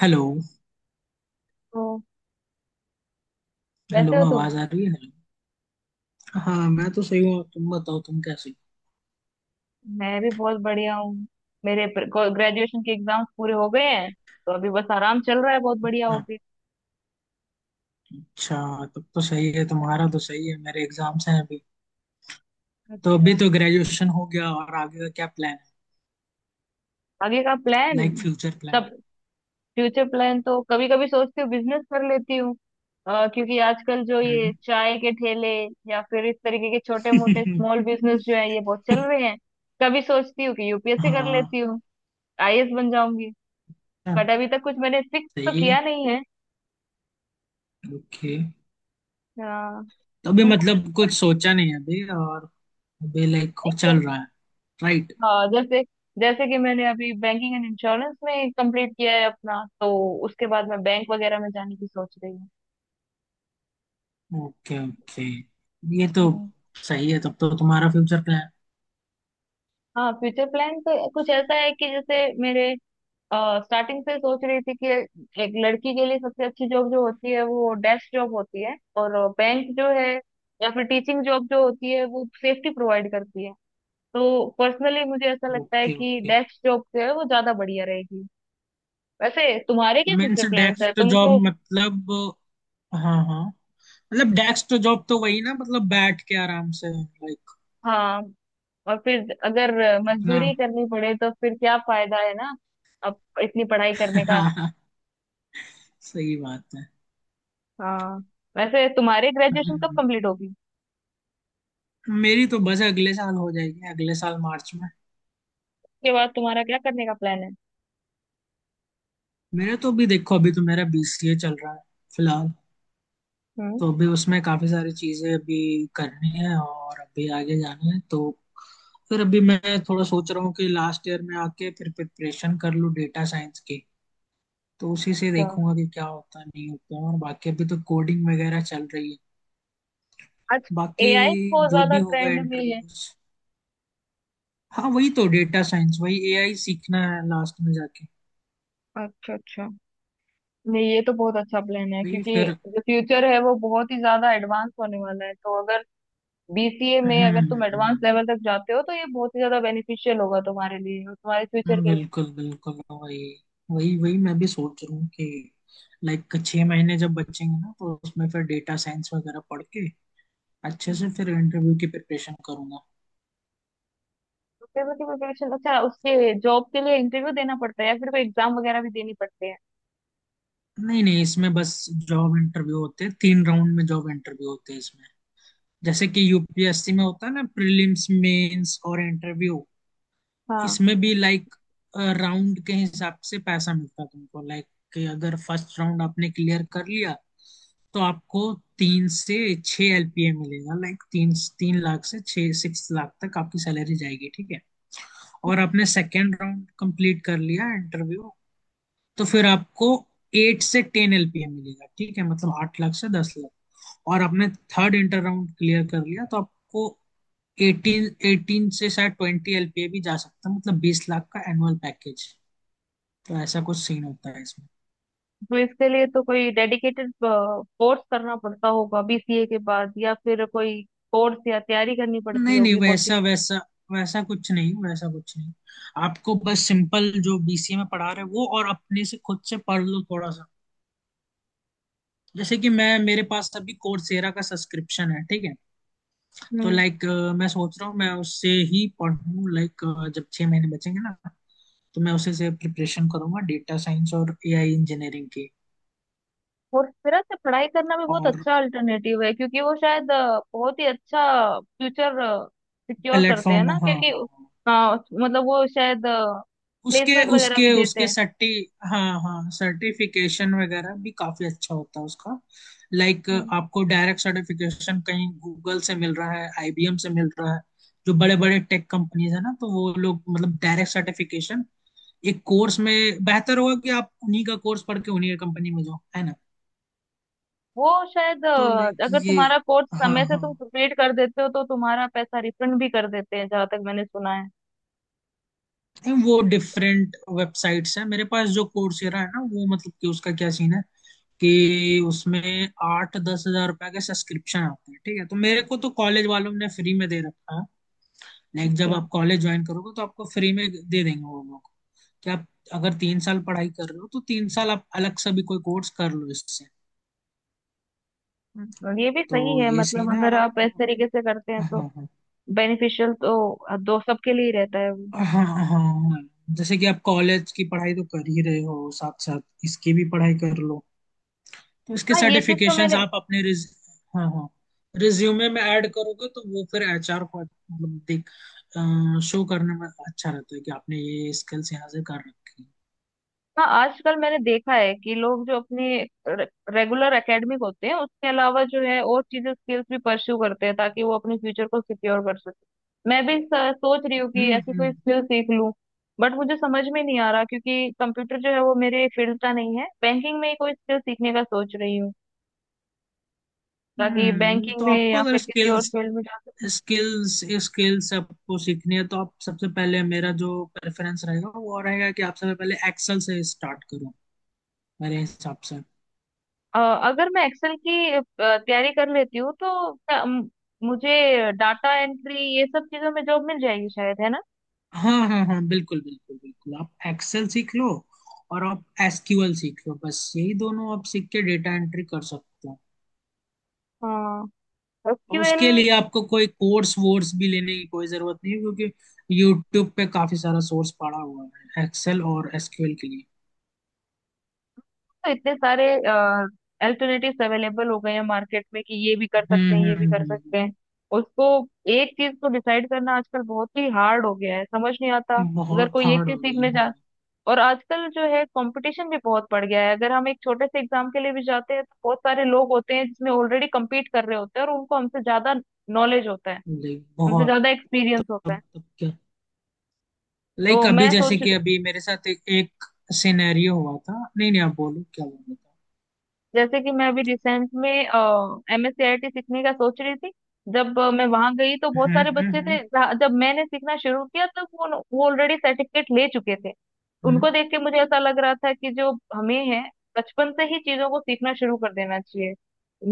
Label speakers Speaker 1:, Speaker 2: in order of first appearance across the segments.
Speaker 1: Hello.
Speaker 2: तो
Speaker 1: hello,
Speaker 2: वैसे हो तुम।
Speaker 1: आवाज आ रही है? हेलो। हाँ, मैं तो सही हूँ, तुम बताओ तुम कैसे
Speaker 2: मैं भी बहुत बढ़िया हूँ। मेरे ग्रेजुएशन के एग्जाम्स पूरे हो गए हैं। तो अभी बस आराम चल रहा है, बहुत बढ़िया हो
Speaker 1: हो।
Speaker 2: गया।
Speaker 1: अच्छा, तब तो सही है। तुम्हारा तो सही है, मेरे एग्जाम्स हैं अभी। तो अभी
Speaker 2: अच्छा।
Speaker 1: तो ग्रेजुएशन हो गया और आगे का क्या प्लान है?
Speaker 2: आगे का प्लान।
Speaker 1: लाइक फ्यूचर
Speaker 2: तब।
Speaker 1: प्लान।
Speaker 2: फ्यूचर प्लान तो कभी कभी सोचती हूँ बिजनेस कर लेती हूँ। क्योंकि आजकल जो ये
Speaker 1: हम्म।
Speaker 2: चाय के ठेले या फिर इस तरीके के छोटे मोटे स्मॉल बिजनेस जो है ये बहुत चल रहे हैं। कभी सोचती हूँ कि यूपीएससी कर
Speaker 1: हाँ,
Speaker 2: लेती हूँ। आईएएस बन जाऊंगी।
Speaker 1: हाँ,
Speaker 2: बट अभी तक कुछ मैंने फिक्स तो
Speaker 1: सही है।
Speaker 2: किया नहीं है।
Speaker 1: ओके।
Speaker 2: अ,
Speaker 1: तो अभी
Speaker 2: तुमको कुछ।
Speaker 1: मतलब कुछ सोचा नहीं है अभी और। अभी लाइक
Speaker 2: नहीं।
Speaker 1: चल रहा है। राइट।
Speaker 2: हाँ, जैसे। जैसे कि मैंने अभी बैंकिंग एंड इंश्योरेंस में कंप्लीट किया है अपना, तो उसके बाद मैं बैंक वगैरह में जाने की सोच रही हूँ।
Speaker 1: Okay okay. ये तो
Speaker 2: हम्म।
Speaker 1: सही है तब तो, तुम्हारा फ्यूचर प्लान।
Speaker 2: हाँ, फ्यूचर प्लान तो कुछ ऐसा है कि जैसे मेरे स्टार्टिंग से सोच रही थी कि एक लड़की के लिए सबसे अच्छी जॉब जो होती है वो डेस्क जॉब होती है। और बैंक जो है, या फिर टीचिंग जॉब जो होती है वो सेफ्टी प्रोवाइड करती है। तो पर्सनली मुझे ऐसा लगता है
Speaker 1: ओके
Speaker 2: कि
Speaker 1: ओके।
Speaker 2: डेस्क जॉब जो है वो ज्यादा बढ़िया रहेगी। वैसे तुम्हारे क्या
Speaker 1: मीन्स
Speaker 2: फ्यूचर प्लान्स है
Speaker 1: डेस्क जॉब
Speaker 2: तुमको?
Speaker 1: मतलब। हाँ हाँ। मतलब डेस्क तो जॉब तो वही ना, मतलब बैठ के आराम से लाइक
Speaker 2: हाँ। और फिर अगर
Speaker 1: अपना।
Speaker 2: मजदूरी करनी पड़े तो फिर क्या फायदा है ना, अब इतनी पढ़ाई करने का।
Speaker 1: हाँ, सही बात है।
Speaker 2: हाँ। वैसे तुम्हारे ग्रेजुएशन कब
Speaker 1: हम्म।
Speaker 2: कंप्लीट होगी?
Speaker 1: मेरी तो बस अगले साल हो जाएगी, अगले साल मार्च में।
Speaker 2: उसके बाद तुम्हारा क्या करने का प्लान है?
Speaker 1: मेरे तो अभी देखो, अभी तो मेरा BCA चल रहा है फिलहाल।
Speaker 2: हम्म।
Speaker 1: तो अभी उसमें काफी सारी चीजें अभी करनी है और अभी आगे जाना है, तो फिर अभी मैं थोड़ा सोच रहा हूँ कि लास्ट ईयर में आके फिर प्रिपरेशन कर लूँ डेटा साइंस की। तो उसी से
Speaker 2: अच्छा।
Speaker 1: देखूंगा कि क्या होता है नहीं होता है। और बाकी अभी तो कोडिंग वगैरह चल रही है
Speaker 2: आज
Speaker 1: बाकी,
Speaker 2: एआई बहुत
Speaker 1: जो
Speaker 2: ज्यादा
Speaker 1: भी होगा
Speaker 2: ट्रेंड में है।
Speaker 1: इंटरव्यूज। हाँ, वही तो डेटा साइंस, वही AI सीखना है लास्ट में जाके।
Speaker 2: अच्छा अच्छा। नहीं, ये तो बहुत अच्छा प्लान है,
Speaker 1: वही
Speaker 2: क्योंकि
Speaker 1: फिर।
Speaker 2: जो फ्यूचर है वो बहुत ही ज्यादा एडवांस होने वाला है, तो अगर बीसीए में
Speaker 1: हम्म
Speaker 2: अगर तुम
Speaker 1: हम्म,
Speaker 2: एडवांस
Speaker 1: हम्म,
Speaker 2: लेवल तक जाते हो तो ये बहुत ही ज्यादा बेनिफिशियल होगा तुम्हारे लिए और तुम्हारे फ्यूचर के
Speaker 1: बिल्कुल बिल्कुल। वही वही वही मैं भी सोच रहा हूँ कि लाइक 6 महीने जब बचेंगे ना तो उसमें फिर डेटा साइंस वगैरह पढ़ के अच्छे
Speaker 2: लिए।
Speaker 1: से फिर इंटरव्यू की प्रिपरेशन करूंगा।
Speaker 2: पेपर की प्रिपरेशन, अच्छा, उसके जॉब के लिए इंटरव्यू देना पड़ता है या फिर कोई एग्जाम वगैरह भी देनी पड़ती है?
Speaker 1: नहीं नहीं इसमें बस जॉब इंटरव्यू होते हैं, 3 राउंड में जॉब इंटरव्यू होते हैं इसमें। जैसे कि UPSC में होता है ना, प्रीलिम्स, मेंस और इंटरव्यू।
Speaker 2: हाँ।
Speaker 1: इसमें भी लाइक राउंड के हिसाब से पैसा मिलता है तुमको। लाइक कि अगर फर्स्ट राउंड आपने क्लियर कर लिया तो आपको 3 से 6 LPA मिलेगा। लाइक तीन, तीन लाख से छह, सिक्स लाख तक आपकी सैलरी जाएगी, ठीक है। और आपने सेकेंड राउंड कंप्लीट कर लिया इंटरव्यू, तो फिर आपको 8 से 10 LPA मिलेगा, ठीक है मतलब 8 लाख से 10 लाख। और आपने थर्ड इंटर राउंड क्लियर कर लिया तो आपको एटीन, एटीन से शायद ट्वेंटी एलपीए भी जा सकता है, मतलब 20 लाख का एनुअल पैकेज। तो ऐसा कुछ सीन होता है इसमें।
Speaker 2: तो इसके लिए तो कोई डेडिकेटेड कोर्स करना पड़ता होगा बीसीए के बाद या फिर कोई कोर्स या तैयारी करनी पड़ती
Speaker 1: नहीं नहीं,
Speaker 2: होगी, कोचिंग।
Speaker 1: वैसा वैसा वैसा कुछ नहीं, वैसा कुछ नहीं। आपको बस सिंपल जो BCA में पढ़ा रहे हैं वो, और अपने से खुद से पढ़ लो थोड़ा सा। जैसे कि मैं, मेरे पास अभी कोर्सेरा का सब्सक्रिप्शन है, ठीक है। तो
Speaker 2: हम्म।
Speaker 1: लाइक मैं सोच रहा हूँ मैं उससे ही पढ़ूँ। लाइक जब 6 महीने बचेंगे ना तो मैं उसे से प्रिपरेशन करूंगा डेटा साइंस और AI इंजीनियरिंग की।
Speaker 2: और मेरा से पढ़ाई करना भी बहुत
Speaker 1: और
Speaker 2: अच्छा अल्टरनेटिव है, क्योंकि वो शायद बहुत ही अच्छा फ्यूचर सिक्योर करते हैं
Speaker 1: प्लेटफॉर्म,
Speaker 2: ना,
Speaker 1: हाँ हाँ
Speaker 2: क्योंकि
Speaker 1: हाँ।
Speaker 2: मतलब वो शायद
Speaker 1: उसके
Speaker 2: प्लेसमेंट वगैरह भी
Speaker 1: उसके उसके
Speaker 2: देते
Speaker 1: सर्टी। हाँ हाँ, सर्टिफिकेशन वगैरह भी काफी अच्छा होता है उसका। लाइक
Speaker 2: हैं।
Speaker 1: आपको डायरेक्ट सर्टिफिकेशन कहीं गूगल से मिल रहा है, IBM से मिल रहा है, जो बड़े बड़े टेक कंपनीज है ना, तो वो लोग मतलब डायरेक्ट सर्टिफिकेशन एक कोर्स में। बेहतर होगा कि आप उन्हीं का कोर्स पढ़ के उन्हीं का कंपनी में जाओ, है ना।
Speaker 2: वो शायद
Speaker 1: तो लाइक
Speaker 2: अगर
Speaker 1: ये,
Speaker 2: तुम्हारा कोर्स
Speaker 1: हाँ
Speaker 2: समय से
Speaker 1: हाँ।
Speaker 2: तुम कंप्लीट कर देते हो तो तुम्हारा पैसा रिफंड भी कर देते हैं, जहां तक मैंने सुना है।
Speaker 1: नहीं, वो डिफरेंट वेबसाइट्स हैं मेरे पास। जो कोर्सेरा है ना, वो मतलब कि उसका क्या सीन है कि उसमें 8-10 हज़ार रुपए के सब्सक्रिप्शन आते हैं, ठीक है। तो मेरे को तो कॉलेज वालों ने फ्री में दे रखा है। लाइक जब
Speaker 2: अच्छा।
Speaker 1: आप कॉलेज ज्वाइन करोगे तो आपको फ्री में दे देंगे वो लोग। कि आप अगर 3 साल पढ़ाई कर रहे हो तो 3 साल आप अलग से भी कोई कोर्स कर लो इससे।
Speaker 2: और ये भी सही
Speaker 1: तो
Speaker 2: है,
Speaker 1: ये
Speaker 2: मतलब
Speaker 1: सीन है
Speaker 2: अगर
Speaker 1: आप।
Speaker 2: आप इस तरीके से करते हैं
Speaker 1: हाँ
Speaker 2: तो
Speaker 1: हाँ
Speaker 2: बेनिफिशियल तो दो सबके लिए ही रहता है वो।
Speaker 1: हाँ हाँ, हाँ हाँ। जैसे कि आप कॉलेज की पढ़ाई तो कर ही रहे हो, साथ साथ इसकी भी पढ़ाई कर लो, तो उसके
Speaker 2: हाँ, ये चीज तो
Speaker 1: सर्टिफिकेशंस
Speaker 2: मैंने।
Speaker 1: आप अपने रिज, हाँ हाँ, रिज्यूमे में ऐड करोगे तो वो फिर HR को मतलब देख, शो करने में अच्छा रहता है कि आपने ये स्किल्स यहाँ से कर रखी हैं।
Speaker 2: हाँ, आजकल मैंने देखा है कि लोग जो अपने रेगुलर एकेडमिक होते हैं उसके अलावा जो है और चीजें स्किल्स भी परस्यू करते हैं ताकि वो अपने फ्यूचर को सिक्योर कर सके मैं भी सोच रही हूँ कि
Speaker 1: हम्म
Speaker 2: ऐसी कोई
Speaker 1: हम्म
Speaker 2: स्किल सीख लूँ। बट मुझे समझ में नहीं आ रहा, क्योंकि कंप्यूटर जो है वो मेरे फील्ड का नहीं है, बैंकिंग में ही कोई स्किल सीखने का सोच रही हूँ, ताकि बैंकिंग
Speaker 1: तो
Speaker 2: में
Speaker 1: आपको
Speaker 2: या
Speaker 1: अगर
Speaker 2: फिर किसी और
Speaker 1: स्किल्स,
Speaker 2: फील्ड में जा सकूँ।
Speaker 1: स्किल्स स्किल्स आपको सीखनी है तो आप सबसे पहले, मेरा जो प्रेफरेंस रहेगा वो रहेगा कि आप सबसे पहले एक्सेल से स्टार्ट करो मेरे हिसाब से।
Speaker 2: अ, अगर मैं एक्सेल की तैयारी कर लेती हूँ तो क्या, मुझे डाटा एंट्री ये सब चीजों में जॉब मिल जाएगी शायद, है ना?
Speaker 1: हाँ हाँ हाँ बिल्कुल बिल्कुल बिल्कुल, आप एक्सेल सीख लो और आप SQL सीख लो, बस यही दोनों आप सीख के डेटा एंट्री कर सकते हो।
Speaker 2: हाँ,
Speaker 1: और
Speaker 2: एसक्यूएल।
Speaker 1: उसके लिए आपको कोई कोर्स वोर्स भी लेने की कोई जरूरत नहीं है, क्योंकि यूट्यूब पे काफी सारा सोर्स पड़ा हुआ है एक्सेल और SQL के लिए।
Speaker 2: तो इतने सारे अल्टरनेटिव्स अवेलेबल हो गए हैं मार्केट में कि ये भी कर
Speaker 1: हम्म
Speaker 2: सकते हैं, ये
Speaker 1: हम्म
Speaker 2: भी कर
Speaker 1: हम्म,
Speaker 2: सकते हैं। उसको एक चीज को डिसाइड करना आजकल बहुत ही हार्ड हो गया है, समझ नहीं आता। अगर
Speaker 1: बहुत
Speaker 2: कोई एक
Speaker 1: हार्ड
Speaker 2: चीज
Speaker 1: हो गए
Speaker 2: सीखने
Speaker 1: हाँ।
Speaker 2: जा, और आजकल जो है कंपटीशन भी बहुत बढ़ गया है, अगर हम एक छोटे से एग्जाम के लिए भी जाते हैं तो बहुत सारे लोग होते हैं जिसमें ऑलरेडी कम्पीट कर रहे होते हैं और उनको हमसे ज्यादा नॉलेज होता है,
Speaker 1: लाइक
Speaker 2: हमसे
Speaker 1: बहुत।
Speaker 2: ज्यादा एक्सपीरियंस होता है।
Speaker 1: तब तब क्या,
Speaker 2: तो
Speaker 1: लाइक अभी
Speaker 2: मैं
Speaker 1: जैसे
Speaker 2: सोच।
Speaker 1: कि अभी मेरे साथ एक सिनेरियो हुआ था। नहीं नहीं आप बोलो क्या बोल रहे थे।
Speaker 2: जैसे कि मैं अभी रिसेंट में एमएससीआईटी सीखने का सोच रही थी। जब मैं वहां गई तो बहुत
Speaker 1: हम्म
Speaker 2: सारे
Speaker 1: हम्म
Speaker 2: बच्चे
Speaker 1: हम्म
Speaker 2: थे जब मैंने सीखना शुरू किया तब वो ऑलरेडी सर्टिफिकेट ले चुके थे।
Speaker 1: हम्म,
Speaker 2: उनको देख के मुझे ऐसा लग रहा था कि जो हमें है, बचपन से ही चीजों को सीखना शुरू कर देना चाहिए,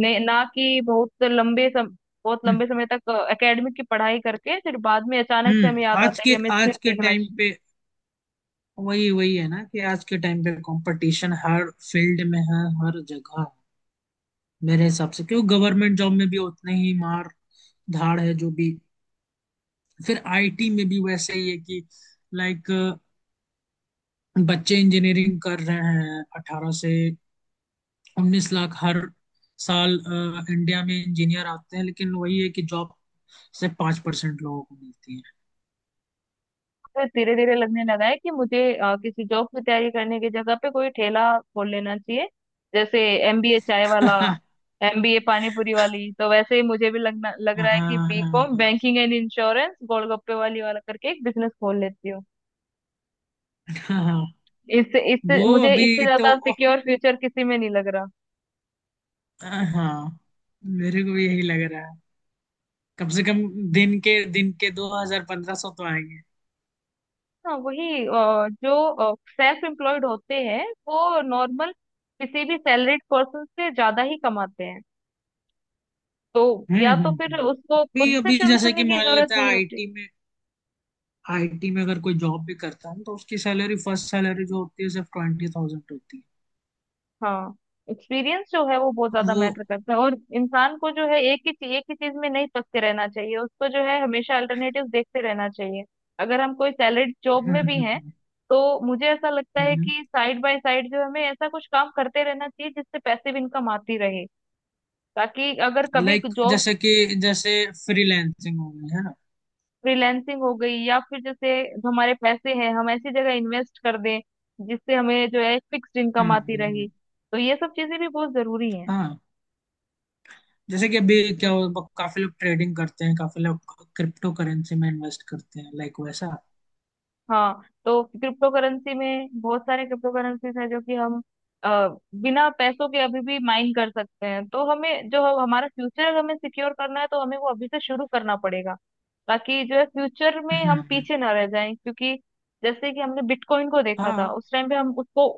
Speaker 2: ना कि बहुत लंबे
Speaker 1: हम्म।
Speaker 2: समय तक एकेडमिक की पढ़ाई करके फिर बाद में अचानक से
Speaker 1: हम्म,
Speaker 2: हमें याद
Speaker 1: आज
Speaker 2: आता है कि
Speaker 1: के,
Speaker 2: हमें स्किल
Speaker 1: आज के
Speaker 2: सीखना
Speaker 1: टाइम
Speaker 2: चाहिए।
Speaker 1: पे, वही वही है ना कि आज के टाइम पे कंपटीशन हर फील्ड में है, हर जगह है। मेरे हिसाब से क्यों, गवर्नमेंट जॉब में भी उतने ही मार धाड़ है, जो भी फिर IT में भी वैसे ही है कि लाइक बच्चे इंजीनियरिंग कर रहे हैं 18 से 19 लाख हर साल इंडिया में इंजीनियर आते हैं, लेकिन वही है कि जॉब से 5% लोगों को मिलती है।
Speaker 2: फिर धीरे धीरे लगने लगा है कि मुझे किसी जॉब की तैयारी करने की जगह पे कोई ठेला खोल लेना चाहिए, जैसे एमबीए चाय वाला,
Speaker 1: हाँ
Speaker 2: एमबीए पानी पूरी वाली, तो वैसे ही मुझे भी लगना लग
Speaker 1: हाँ
Speaker 2: रहा है कि
Speaker 1: हाँ
Speaker 2: BCom banking and insurance golgappe वाली वाला करके एक बिजनेस खोल लेती हूँ।
Speaker 1: हाँ, हाँ,
Speaker 2: इससे इससे
Speaker 1: वो
Speaker 2: मुझे इससे
Speaker 1: अभी तो
Speaker 2: ज्यादा सिक्योर फ्यूचर किसी में नहीं लग रहा।
Speaker 1: हाँ, मेरे को भी यही लग रहा है। कम से कम दिन के दो हजार, पंद्रह सौ तो आएंगे।
Speaker 2: हाँ, वही जो सेल्फ एम्प्लॉयड होते हैं वो नॉर्मल किसी भी सैलरीड पर्सन से ज्यादा ही कमाते हैं, तो
Speaker 1: हम्म
Speaker 2: या
Speaker 1: हम्म
Speaker 2: तो फिर
Speaker 1: हम्म।
Speaker 2: उसको खुद
Speaker 1: अभी
Speaker 2: से
Speaker 1: अभी
Speaker 2: शुरू
Speaker 1: जैसे कि
Speaker 2: करने की
Speaker 1: मान
Speaker 2: जरूरत
Speaker 1: लेते हैं
Speaker 2: नहीं होती।
Speaker 1: IT में, IT में अगर कोई जॉब भी करता है तो उसकी सैलरी, फर्स्ट सैलरी जो होती है सिर्फ 20,000 होती है।
Speaker 2: हाँ, एक्सपीरियंस जो है वो बहुत
Speaker 1: तो
Speaker 2: ज्यादा
Speaker 1: वो।
Speaker 2: मैटर करता है, और इंसान को जो है एक ही चीज में नहीं फंसते रहना चाहिए, उसको जो है हमेशा अल्टरनेटिव देखते रहना चाहिए। अगर हम कोई सैलरी जॉब में
Speaker 1: हम्म
Speaker 2: भी हैं
Speaker 1: हम्म
Speaker 2: तो मुझे ऐसा लगता है
Speaker 1: हम्म।
Speaker 2: कि साइड बाय साइड जो हमें ऐसा कुछ काम करते रहना चाहिए जिससे पैसिव इनकम आती रहे, ताकि अगर कभी
Speaker 1: लाइक
Speaker 2: जॉब।
Speaker 1: जैसे कि जैसे फ्रीलैंसिंग हो गई है ना।
Speaker 2: फ्रीलैंसिंग हो गई या फिर जैसे, जो हमारे पैसे हैं हम ऐसी जगह इन्वेस्ट कर दें जिससे हमें जो है फिक्स्ड इनकम
Speaker 1: हम्म
Speaker 2: आती
Speaker 1: हम्म,
Speaker 2: रहे।
Speaker 1: हम्म।
Speaker 2: तो ये सब चीजें भी बहुत जरूरी हैं।
Speaker 1: हाँ जैसे कि अभी क्या हो काफी लोग ट्रेडिंग करते हैं, काफी लोग क्रिप्टो करेंसी में इन्वेस्ट करते हैं लाइक वैसा।
Speaker 2: हाँ, तो क्रिप्टो करेंसी में बहुत सारे क्रिप्टो करेंसीज हैं जो कि हम अ, बिना पैसों के अभी भी माइन कर सकते हैं, तो हमें जो हमारा फ्यूचर हमें सिक्योर करना है तो हमें वो अभी से शुरू करना पड़ेगा, ताकि जो है फ्यूचर में हम
Speaker 1: हम्म
Speaker 2: पीछे ना रह जाएं, क्योंकि जैसे कि हमने बिटकॉइन को देखा था
Speaker 1: हाँ
Speaker 2: उस टाइम पे हम उसको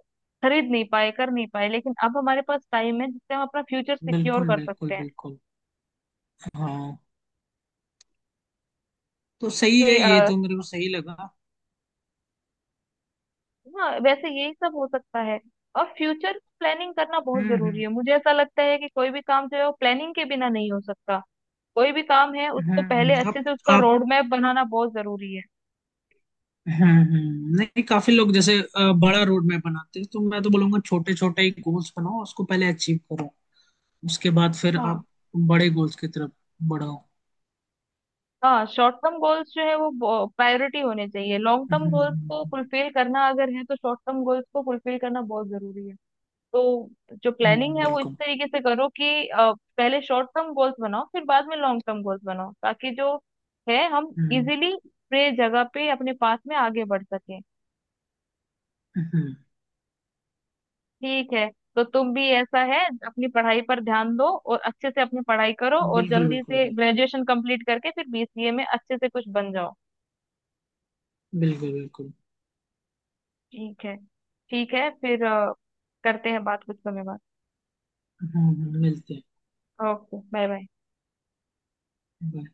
Speaker 2: खरीद नहीं पाए, कर नहीं पाए, लेकिन अब हमारे पास टाइम है जिससे हम अपना फ्यूचर सिक्योर
Speaker 1: बिल्कुल
Speaker 2: कर
Speaker 1: बिल्कुल
Speaker 2: सकते हैं।
Speaker 1: बिल्कुल, हाँ तो सही
Speaker 2: उससे।
Speaker 1: है, ये तो मेरे को सही लगा।
Speaker 2: हाँ, वैसे यही सब हो सकता है, और फ्यूचर प्लानिंग करना बहुत
Speaker 1: हम्म
Speaker 2: जरूरी
Speaker 1: हम्म
Speaker 2: है, मुझे ऐसा लगता है कि कोई भी काम जो है वो प्लानिंग के बिना नहीं हो सकता। कोई भी काम है
Speaker 1: हम्म
Speaker 2: उसको पहले
Speaker 1: हम्म, आप
Speaker 2: अच्छे से उसका
Speaker 1: आप,
Speaker 2: रोड मैप बनाना बहुत जरूरी है।
Speaker 1: हम्म, नहीं, काफी लोग जैसे बड़ा रोड मैप बनाते हैं तो मैं तो बोलूंगा छोटे छोटे ही गोल्स बनाओ, उसको पहले अचीव करो, उसके बाद फिर आप
Speaker 2: हाँ।
Speaker 1: बड़े गोल्स की तरफ बढ़ाओ।
Speaker 2: हाँ, शॉर्ट टर्म गोल्स जो है वो प्रायोरिटी होने चाहिए, लॉन्ग टर्म
Speaker 1: हम्म
Speaker 2: गोल्स को
Speaker 1: हम्म,
Speaker 2: फुलफिल करना अगर है तो शॉर्ट टर्म गोल्स को फुलफिल करना बहुत जरूरी है। तो जो प्लानिंग है वो इस
Speaker 1: बिल्कुल।
Speaker 2: तरीके से करो कि पहले शॉर्ट टर्म गोल्स बनाओ फिर बाद में लॉन्ग टर्म गोल्स बनाओ ताकि जो है हम
Speaker 1: हम्म
Speaker 2: इजीली पूरे जगह पे अपने पास में आगे बढ़ सकें।
Speaker 1: हम्म
Speaker 2: ठीक है। तो तुम भी ऐसा है, अपनी पढ़ाई पर ध्यान दो और अच्छे से अपनी पढ़ाई करो और
Speaker 1: बिल्कुल
Speaker 2: जल्दी
Speaker 1: बिल्कुल
Speaker 2: से
Speaker 1: बिल्कुल
Speaker 2: ग्रेजुएशन कंप्लीट करके फिर बीसीए में अच्छे से कुछ बन जाओ।
Speaker 1: बिल्कुल बिल्कुल।
Speaker 2: ठीक है। ठीक है, फिर करते हैं बात कुछ समय बाद।
Speaker 1: मिलते हैं।
Speaker 2: Okay, bye bye.
Speaker 1: Bye.